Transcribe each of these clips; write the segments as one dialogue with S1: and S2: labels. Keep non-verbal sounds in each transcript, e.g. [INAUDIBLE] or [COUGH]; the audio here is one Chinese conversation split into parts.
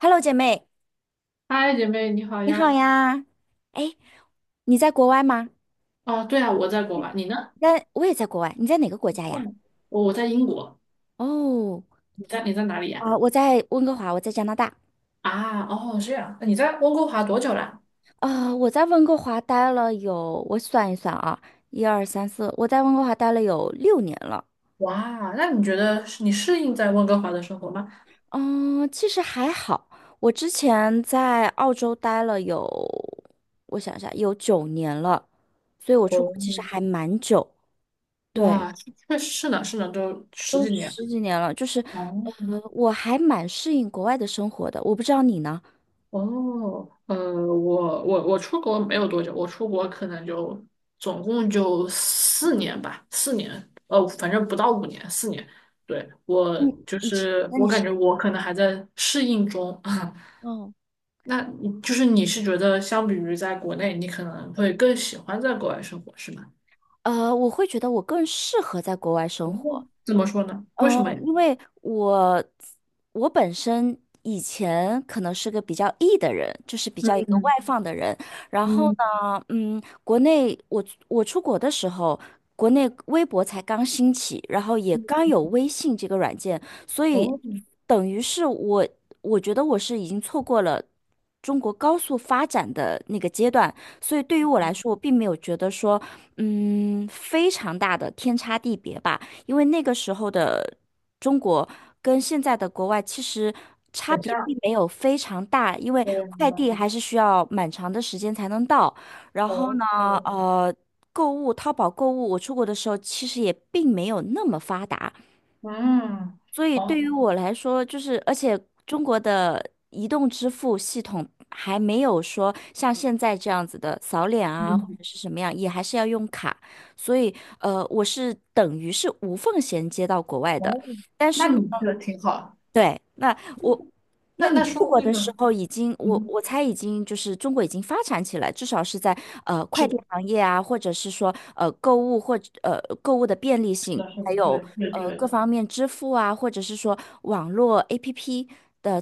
S1: Hello，姐妹，
S2: 嗨，姐妹，你好
S1: 你好
S2: 呀！
S1: 呀！哎，你在国外吗？
S2: 哦，对啊，我在国
S1: 嗯
S2: 外，你呢？
S1: 在，我也在国外。你在哪个国家呀？
S2: 嗯，我在英国，
S1: 哦，
S2: 你在哪里呀？
S1: 啊、我在温哥华，我在加拿大。
S2: 啊，哦，这样，你在温哥华多久了？
S1: 啊、我在温哥华待了有，我算一算啊，一二三四，我在温哥华待了有6年了。
S2: 哇，那你觉得是你适应在温哥华的生活吗？
S1: 嗯，其实还好。我之前在澳洲待了有，我想一下，有9年了，所以我出
S2: 哦，
S1: 国其实还蛮久。对，
S2: 哇，确实是呢，是呢，都十
S1: 都
S2: 几年。
S1: 十几年了，就是，
S2: 哦，
S1: 我还蛮适应国外的生活的。我不知道你呢？
S2: 哦，我出国没有多久，我出国可能就总共就四年吧，四年，反正不到5年，四年。对，我
S1: 嗯，
S2: 就是
S1: 那
S2: 我
S1: 你
S2: 感
S1: 是？
S2: 觉我可能还在适应中。[LAUGHS]
S1: 嗯，
S2: 那你就是你是觉得相比于在国内，你可能会更喜欢在国外生活，是吗？
S1: 我会觉得我更适合在国外生
S2: 哦
S1: 活，
S2: 怎么说呢？为
S1: 嗯，
S2: 什么呀？
S1: 因为我本身以前可能是个比较 E 的人，就是比较一个外
S2: 嗯
S1: 放的人。然后
S2: 嗯
S1: 呢，嗯，国内我出国的时候，国内微博才刚兴起，然后也刚
S2: 嗯，
S1: 有微信这个软件，所以
S2: 哦，
S1: 等于是我觉得我是已经错过了。中国高速发展的那个阶段，所以对于我来说，我并没有觉得说，非常大的天差地别吧。因为那个时候的中国跟现在的国外其实差
S2: 等一
S1: 别
S2: 下，
S1: 并没有非常大，因为
S2: 我也明
S1: 快
S2: 白。
S1: 递还是需要蛮长的时间才能到。然后
S2: 哦，
S1: 呢，呃，购物，淘宝购物，我出国的时候其实也并没有那么发达，
S2: 嗯，
S1: 所以对于
S2: 哦，
S1: 我来说，就是而且中国的移动支付系统还没有说像现在这样子的扫脸啊，或
S2: 嗯
S1: 者是什么样，也还是要用卡。所以我是等于是无缝衔接到国外
S2: 哦，
S1: 的，但是
S2: 那
S1: 呢。
S2: 你这个挺好。
S1: 对，我，
S2: 那
S1: 那你
S2: 那说
S1: 出
S2: 到
S1: 国
S2: 这
S1: 的时
S2: 个，
S1: 候已经，我
S2: 嗯，
S1: 我猜已经就是中国已经发展起来，至少是在快
S2: 是
S1: 递
S2: 的，
S1: 行业啊，或者是说购物或者购物的便利
S2: 是
S1: 性，
S2: 的，是
S1: 还
S2: 的，
S1: 有
S2: 对对
S1: 各
S2: 对，
S1: 方面支付啊，或者是说网络 APP 的。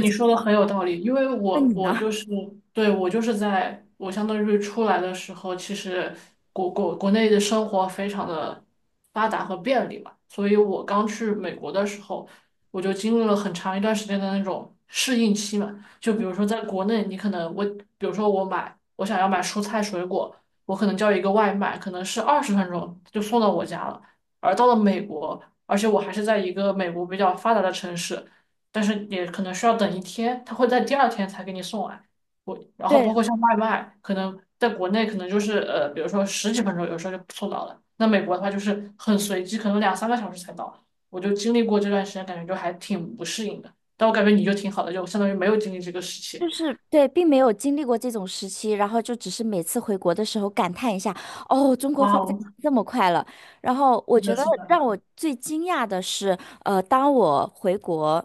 S2: 你说的很有道理，因为
S1: 那
S2: 我
S1: 你呢？
S2: 我就
S1: [LAUGHS]
S2: 是对我就是在我相当于出来的时候，其实国内的生活非常的发达和便利嘛，所以我刚去美国的时候，我就经历了很长一段时间的那种适应期嘛。就比如说在国内，你可能我比如说我想要买蔬菜水果，我可能叫一个外卖，可能是20分钟就送到我家了。而到了美国，而且我还是在一个美国比较发达的城市。但是也可能需要等一天，他会在第二天才给你送来。我然后
S1: 对，
S2: 包括像外卖，可能在国内可能就是比如说十几分钟，有时候就送到了。那美国的话就是很随机，可能两三个小时才到。我就经历过这段时间，感觉就还挺不适应的。但我感觉你就挺好的，就相当于没有经历这个时
S1: 就
S2: 期。
S1: 是对，并没有经历过这种时期，然后就只是每次回国的时候感叹一下，哦，中国
S2: 哇
S1: 发展
S2: 哦，
S1: 这么快了。然后我
S2: 是
S1: 觉
S2: 的，
S1: 得
S2: 是的，
S1: 让我最惊讶的是，当我回国，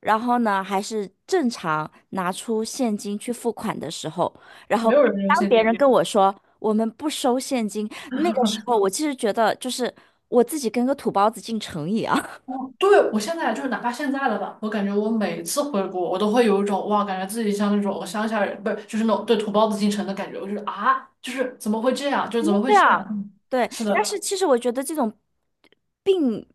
S1: 然后呢还是正常拿出现金去付款的时候，然后
S2: 没有人用
S1: 当
S2: 现
S1: 别人跟
S2: 金。
S1: 我说我们不收现金，那个时候我其实觉得就是我自己跟个土包子进城一样。
S2: 哦，对，我现在就是哪怕现在了吧，我感觉我每次回国，我都会有一种哇，感觉自己像那种乡下人，不是，就是那种对土包子进城的感觉。我就是啊，就是怎么会这样？就是
S1: 肯
S2: 怎么
S1: 定
S2: 会
S1: 这
S2: 这样？
S1: 样，
S2: 嗯
S1: 对。
S2: 是
S1: 但
S2: 的，
S1: 是其实我觉得这种并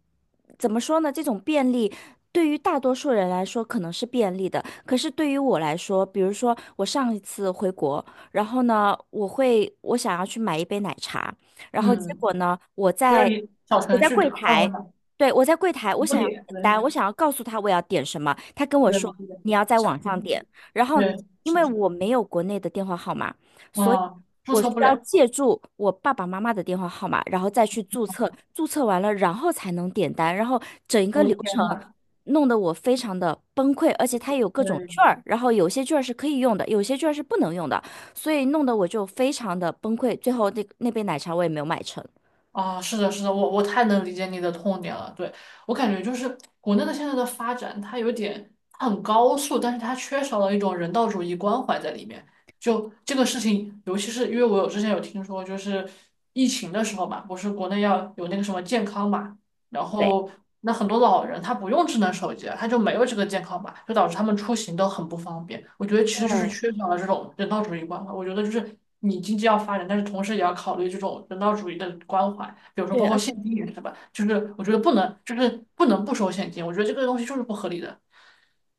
S1: 怎么说呢？这种便利对于大多数人来说可能是便利的，可是对于我来说，比如说我上一次回国，然后呢，我想要去买一杯奶茶，然后结
S2: 嗯，
S1: 果呢，我
S2: 会让
S1: 在
S2: 你小
S1: 我
S2: 程
S1: 在
S2: 序
S1: 柜
S2: 对吧？二维
S1: 台，
S2: 码
S1: 对，我在柜台，我
S2: 不
S1: 想要
S2: 点，
S1: 点单，
S2: 对，
S1: 我想要告诉他我要点什么，他跟我
S2: 对
S1: 说
S2: 对，对
S1: 你要在
S2: 小
S1: 网
S2: 程
S1: 上点，
S2: 序，
S1: 然后
S2: 对，
S1: 因
S2: 是
S1: 为
S2: 的，
S1: 我没有国内的电话号码。所以。
S2: 啊，注
S1: 我需
S2: 册不
S1: 要
S2: 了，
S1: 借助我爸爸妈妈的电话号码，然后再去注册，注册完了，然后才能点单，然后整个
S2: 我
S1: 流程
S2: 天呐，
S1: 弄得我非常的崩溃，而且它有各种券
S2: 对。
S1: 儿，然后有些券儿是可以用的，有些券儿是不能用的，所以弄得我就非常的崩溃，最后那那杯奶茶我也没有买成。
S2: 啊，是的，是的，我太能理解你的痛点了。对，我感觉就是国内的现在的发展，它有点它很高速，但是它缺少了一种人道主义关怀在里面。就这个事情，尤其是因为我有之前有听说，就是疫情的时候嘛，不是国内要有那个什么健康嘛。然
S1: 对
S2: 后那很多老人他不用智能手机，他就没有这个健康码，就导致他们出行都很不方便。我觉得其实就是
S1: 对，
S2: 缺少了这种人道主义关怀。我觉得就是你经济要发展，但是同时也要考虑这种人道主义的关怀，比如说
S1: 对，
S2: 包
S1: 而
S2: 括
S1: 且
S2: 现金也是吧，就是我觉得不能就是不能不收现金，我觉得这个东西就是不合理的。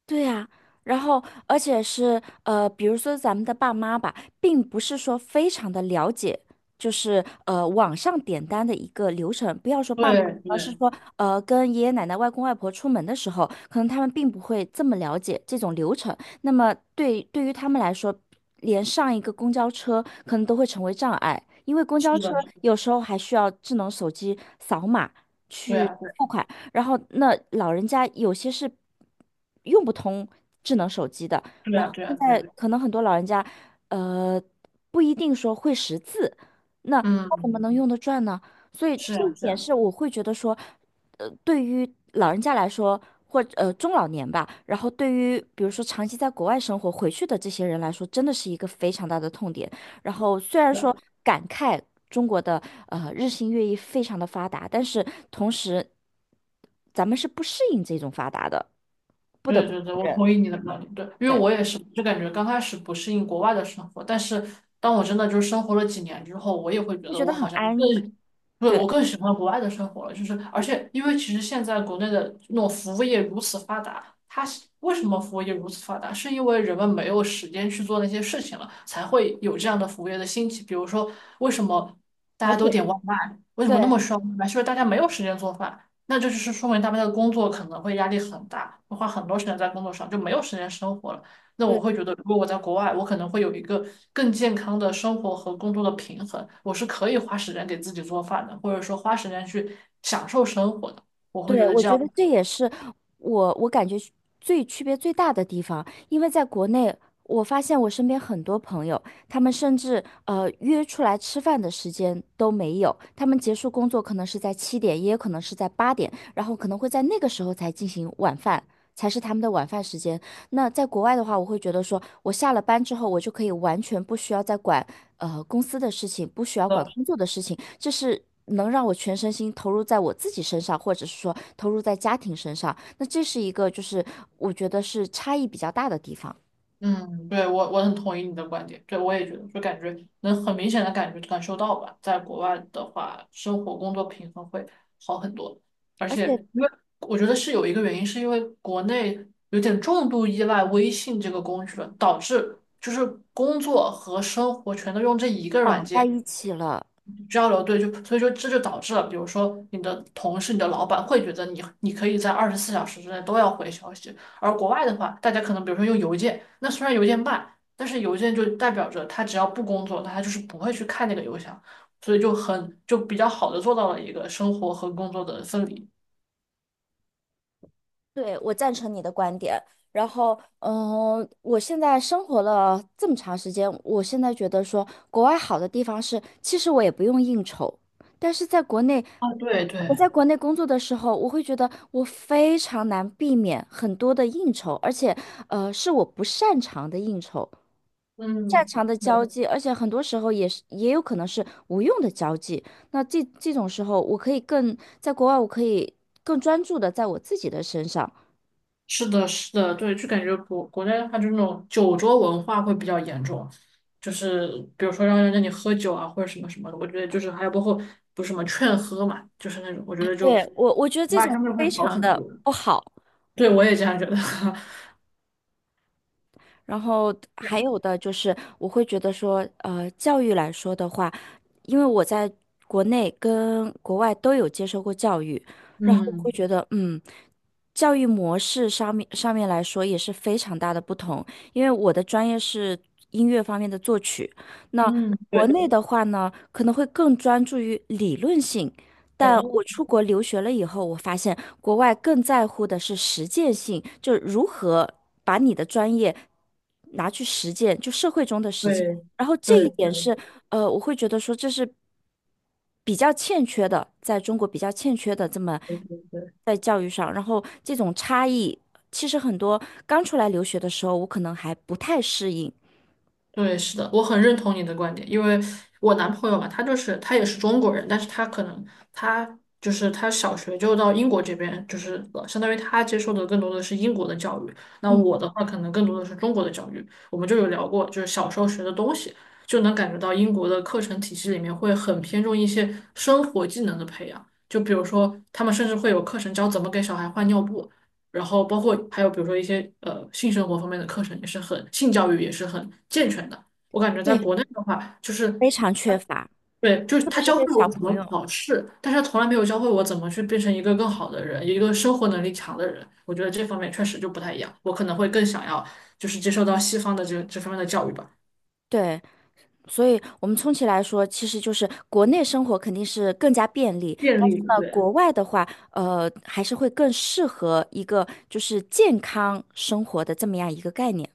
S1: 对呀，然后而且是比如说咱们的爸妈吧，并不是说非常的了解，就是网上点单的一个流程。不要说爸妈，
S2: 对
S1: 而是
S2: 对，
S1: 说跟爷爷奶奶、外公外婆出门的时候，可能他们并不会这么了解这种流程。那么对于他们来说，连上一个公交车可能都会成为障碍，因为公
S2: 是
S1: 交车
S2: 的，
S1: 有时候还需要智能手机扫码
S2: 对
S1: 去
S2: 呀，
S1: 付款。然后那老人家有些是用不通智能手机的，
S2: 对
S1: 然
S2: 呀，
S1: 后
S2: 对
S1: 现
S2: 呀，对
S1: 在
S2: 啊，
S1: 可能很多老人家，呃，不一定说会识字，那他怎么
S2: 嗯，
S1: 能用得转呢？所以
S2: 是
S1: 这
S2: 啊，
S1: 一
S2: 是
S1: 点
S2: 啊，
S1: 是我会觉得说，对于老人家来说，或中老年吧，然后对于比如说长期在国外生活回去的这些人来说，真的是一个非常大的痛点。然后虽然
S2: 是啊。
S1: 说感慨中国的日新月异非常的发达，但是同时咱们是不适应这种发达的，不得
S2: 对
S1: 不
S2: 对对，我同意你的观点。对，因为
S1: 对，
S2: 我也是，就感觉刚开始不适应国外的生活，但是当我真的就是生活了几年之后，我也会觉
S1: 会
S2: 得
S1: 觉
S2: 我
S1: 得很
S2: 好像
S1: 安逸，
S2: 更，对，
S1: 对，
S2: 我更喜欢国外的生活了。就是而且因为其实现在国内的那种服务业如此发达，它是为什么服务业如此发达？是因为人们没有时间去做那些事情了，才会有这样的服务业的兴起。比如说，为什么大
S1: 跑
S2: 家都
S1: 腿，
S2: 点外卖？为什
S1: 对。
S2: 么那么需要外卖？是因为大家没有时间做饭。那这就是说明他们的工作可能会压力很大，会花很多时间在工作上，就没有时间生活了。那
S1: 对
S2: 我会觉得，如果我在国外，我可能会有一个更健康的生活和工作的平衡，我是可以花时间给自己做饭的，或者说花时间去享受生活的。我会觉
S1: 对，
S2: 得
S1: 我
S2: 这
S1: 觉
S2: 样，
S1: 得这也是我感觉最区别最大的地方，因为在国内，我发现我身边很多朋友，他们甚至约出来吃饭的时间都没有，他们结束工作可能是在7点，也有可能是在8点，然后可能会在那个时候才进行晚饭，才是他们的晚饭时间。那在国外的话，我会觉得说，我下了班之后，我就可以完全不需要再管公司的事情，不需要管
S2: 呃
S1: 工作的事情，这是能让我全身心投入在我自己身上，或者是说投入在家庭身上。那这是一个就是我觉得是差异比较大的地方，
S2: 嗯，对，我很同意你的观点，对，我也觉得，就感觉能很明显的感受到吧，在国外的话，生活工作平衡会好很多，而
S1: 而
S2: 且
S1: 且
S2: 因为我觉得是有一个原因，是因为国内有点重度依赖微信这个工具了，导致就是工作和生活全都用这一个软
S1: 绑在
S2: 件。
S1: 一起了。
S2: 交流，对，就所以说这就导致了，比如说你的同事、你的老板会觉得你可以在24小时之内都要回消息，而国外的话，大家可能比如说用邮件，那虽然邮件慢，但是邮件就代表着他只要不工作，他就是不会去看那个邮箱，所以就很就比较好的做到了一个生活和工作的分离。
S1: 对，我赞成你的观点。然后，我现在生活了这么长时间，我现在觉得说，国外好的地方是，其实我也不用应酬。但是在国内，
S2: 啊，对
S1: 我
S2: 对，
S1: 在国内工作的时候，我会觉得我非常难避免很多的应酬，而且，是我不擅长的应酬，擅
S2: 嗯。
S1: 长的交际，而且很多时候也是也有可能是无用的交际。那这种时候，我可以更在国外，我可以更专注的在我自己的身上。
S2: 是的，是的，对，就感觉国国内的话，就那种酒桌文化会比较严重，就是比如说让人让你喝酒啊，或者什么什么的，我觉得就是还有包括不是什么劝喝嘛，就是那种，我觉得就国
S1: 对，我觉得这
S2: 外
S1: 种
S2: 相对会
S1: 非
S2: 好
S1: 常
S2: 很
S1: 的
S2: 多。
S1: 不好。
S2: 对，我也这样觉得。[LAUGHS] 是
S1: 然后还有
S2: 啊
S1: 的就是，我会觉得说，教育来说的话，因为我在国内跟国外都有接受过教育，然后我会
S2: 嗯
S1: 觉得，教育模式上面来说也是非常大的不同。因为我的专业是音乐方面的作曲，那
S2: 嗯，
S1: 国
S2: 对，
S1: 内的话呢，可能会更专注于理论性，但
S2: 哦，
S1: 我出国留学了以后，我发现国外更在乎的是实践性，就是如何把你的专业拿去实践，就社会中的实践。
S2: 对
S1: 然后这
S2: 对
S1: 一点
S2: 对
S1: 是，我会觉得说这是比较欠缺的，在中国比较欠缺的这么
S2: 对对对。
S1: 在教育上。然后这种差异，其实很多刚出来留学的时候，我可能还不太适应。
S2: 对，是的，我很认同你的观点，因为我男朋友嘛，他也是中国人，但是他可能他就是他小学就到英国这边，就是相当于他接受的更多的是英国的教育，那
S1: 嗯，
S2: 我的话可能更多的是中国的教育。我们就有聊过，就是小时候学的东西，就能感觉到英国的课程体系里面会很偏重一些生活技能的培养，就比如说他们甚至会有课程教怎么给小孩换尿布。然后包括还有比如说一些性生活方面的课程也是很性教育也是很健全的。我感觉在
S1: 对，
S2: 国内的话，就
S1: 非
S2: 是
S1: 常缺乏，
S2: 对，就是
S1: 特别
S2: 他
S1: 是
S2: 教会
S1: 对
S2: 了
S1: 小
S2: 我怎
S1: 朋
S2: 么
S1: 友。
S2: 考试，但是他从来没有教会我怎么去变成一个更好的人，一个生活能力强的人。我觉得这方面确实就不太一样，我可能会更想要就是接受到西方的这方面的教育吧，
S1: 对，所以，我们充其来说，其实就是国内生活肯定是更加便利，
S2: 建
S1: 但是
S2: 立
S1: 呢，
S2: 对。
S1: 国外的话，还是会更适合一个就是健康生活的这么样一个概念，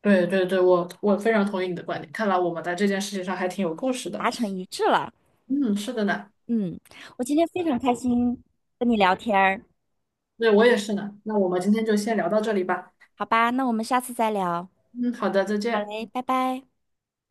S2: 对对对，我非常同意你的观点。看来我们在这件事情上还挺有共识的。
S1: 达成一致了。
S2: 嗯，是的呢，
S1: 嗯，我今天非常开心跟你聊天儿，
S2: 对我也是呢。那我们今天就先聊到这里吧。
S1: 好吧，那我们下次再聊。
S2: 嗯，好的，再
S1: 好
S2: 见。
S1: 嘞，拜拜。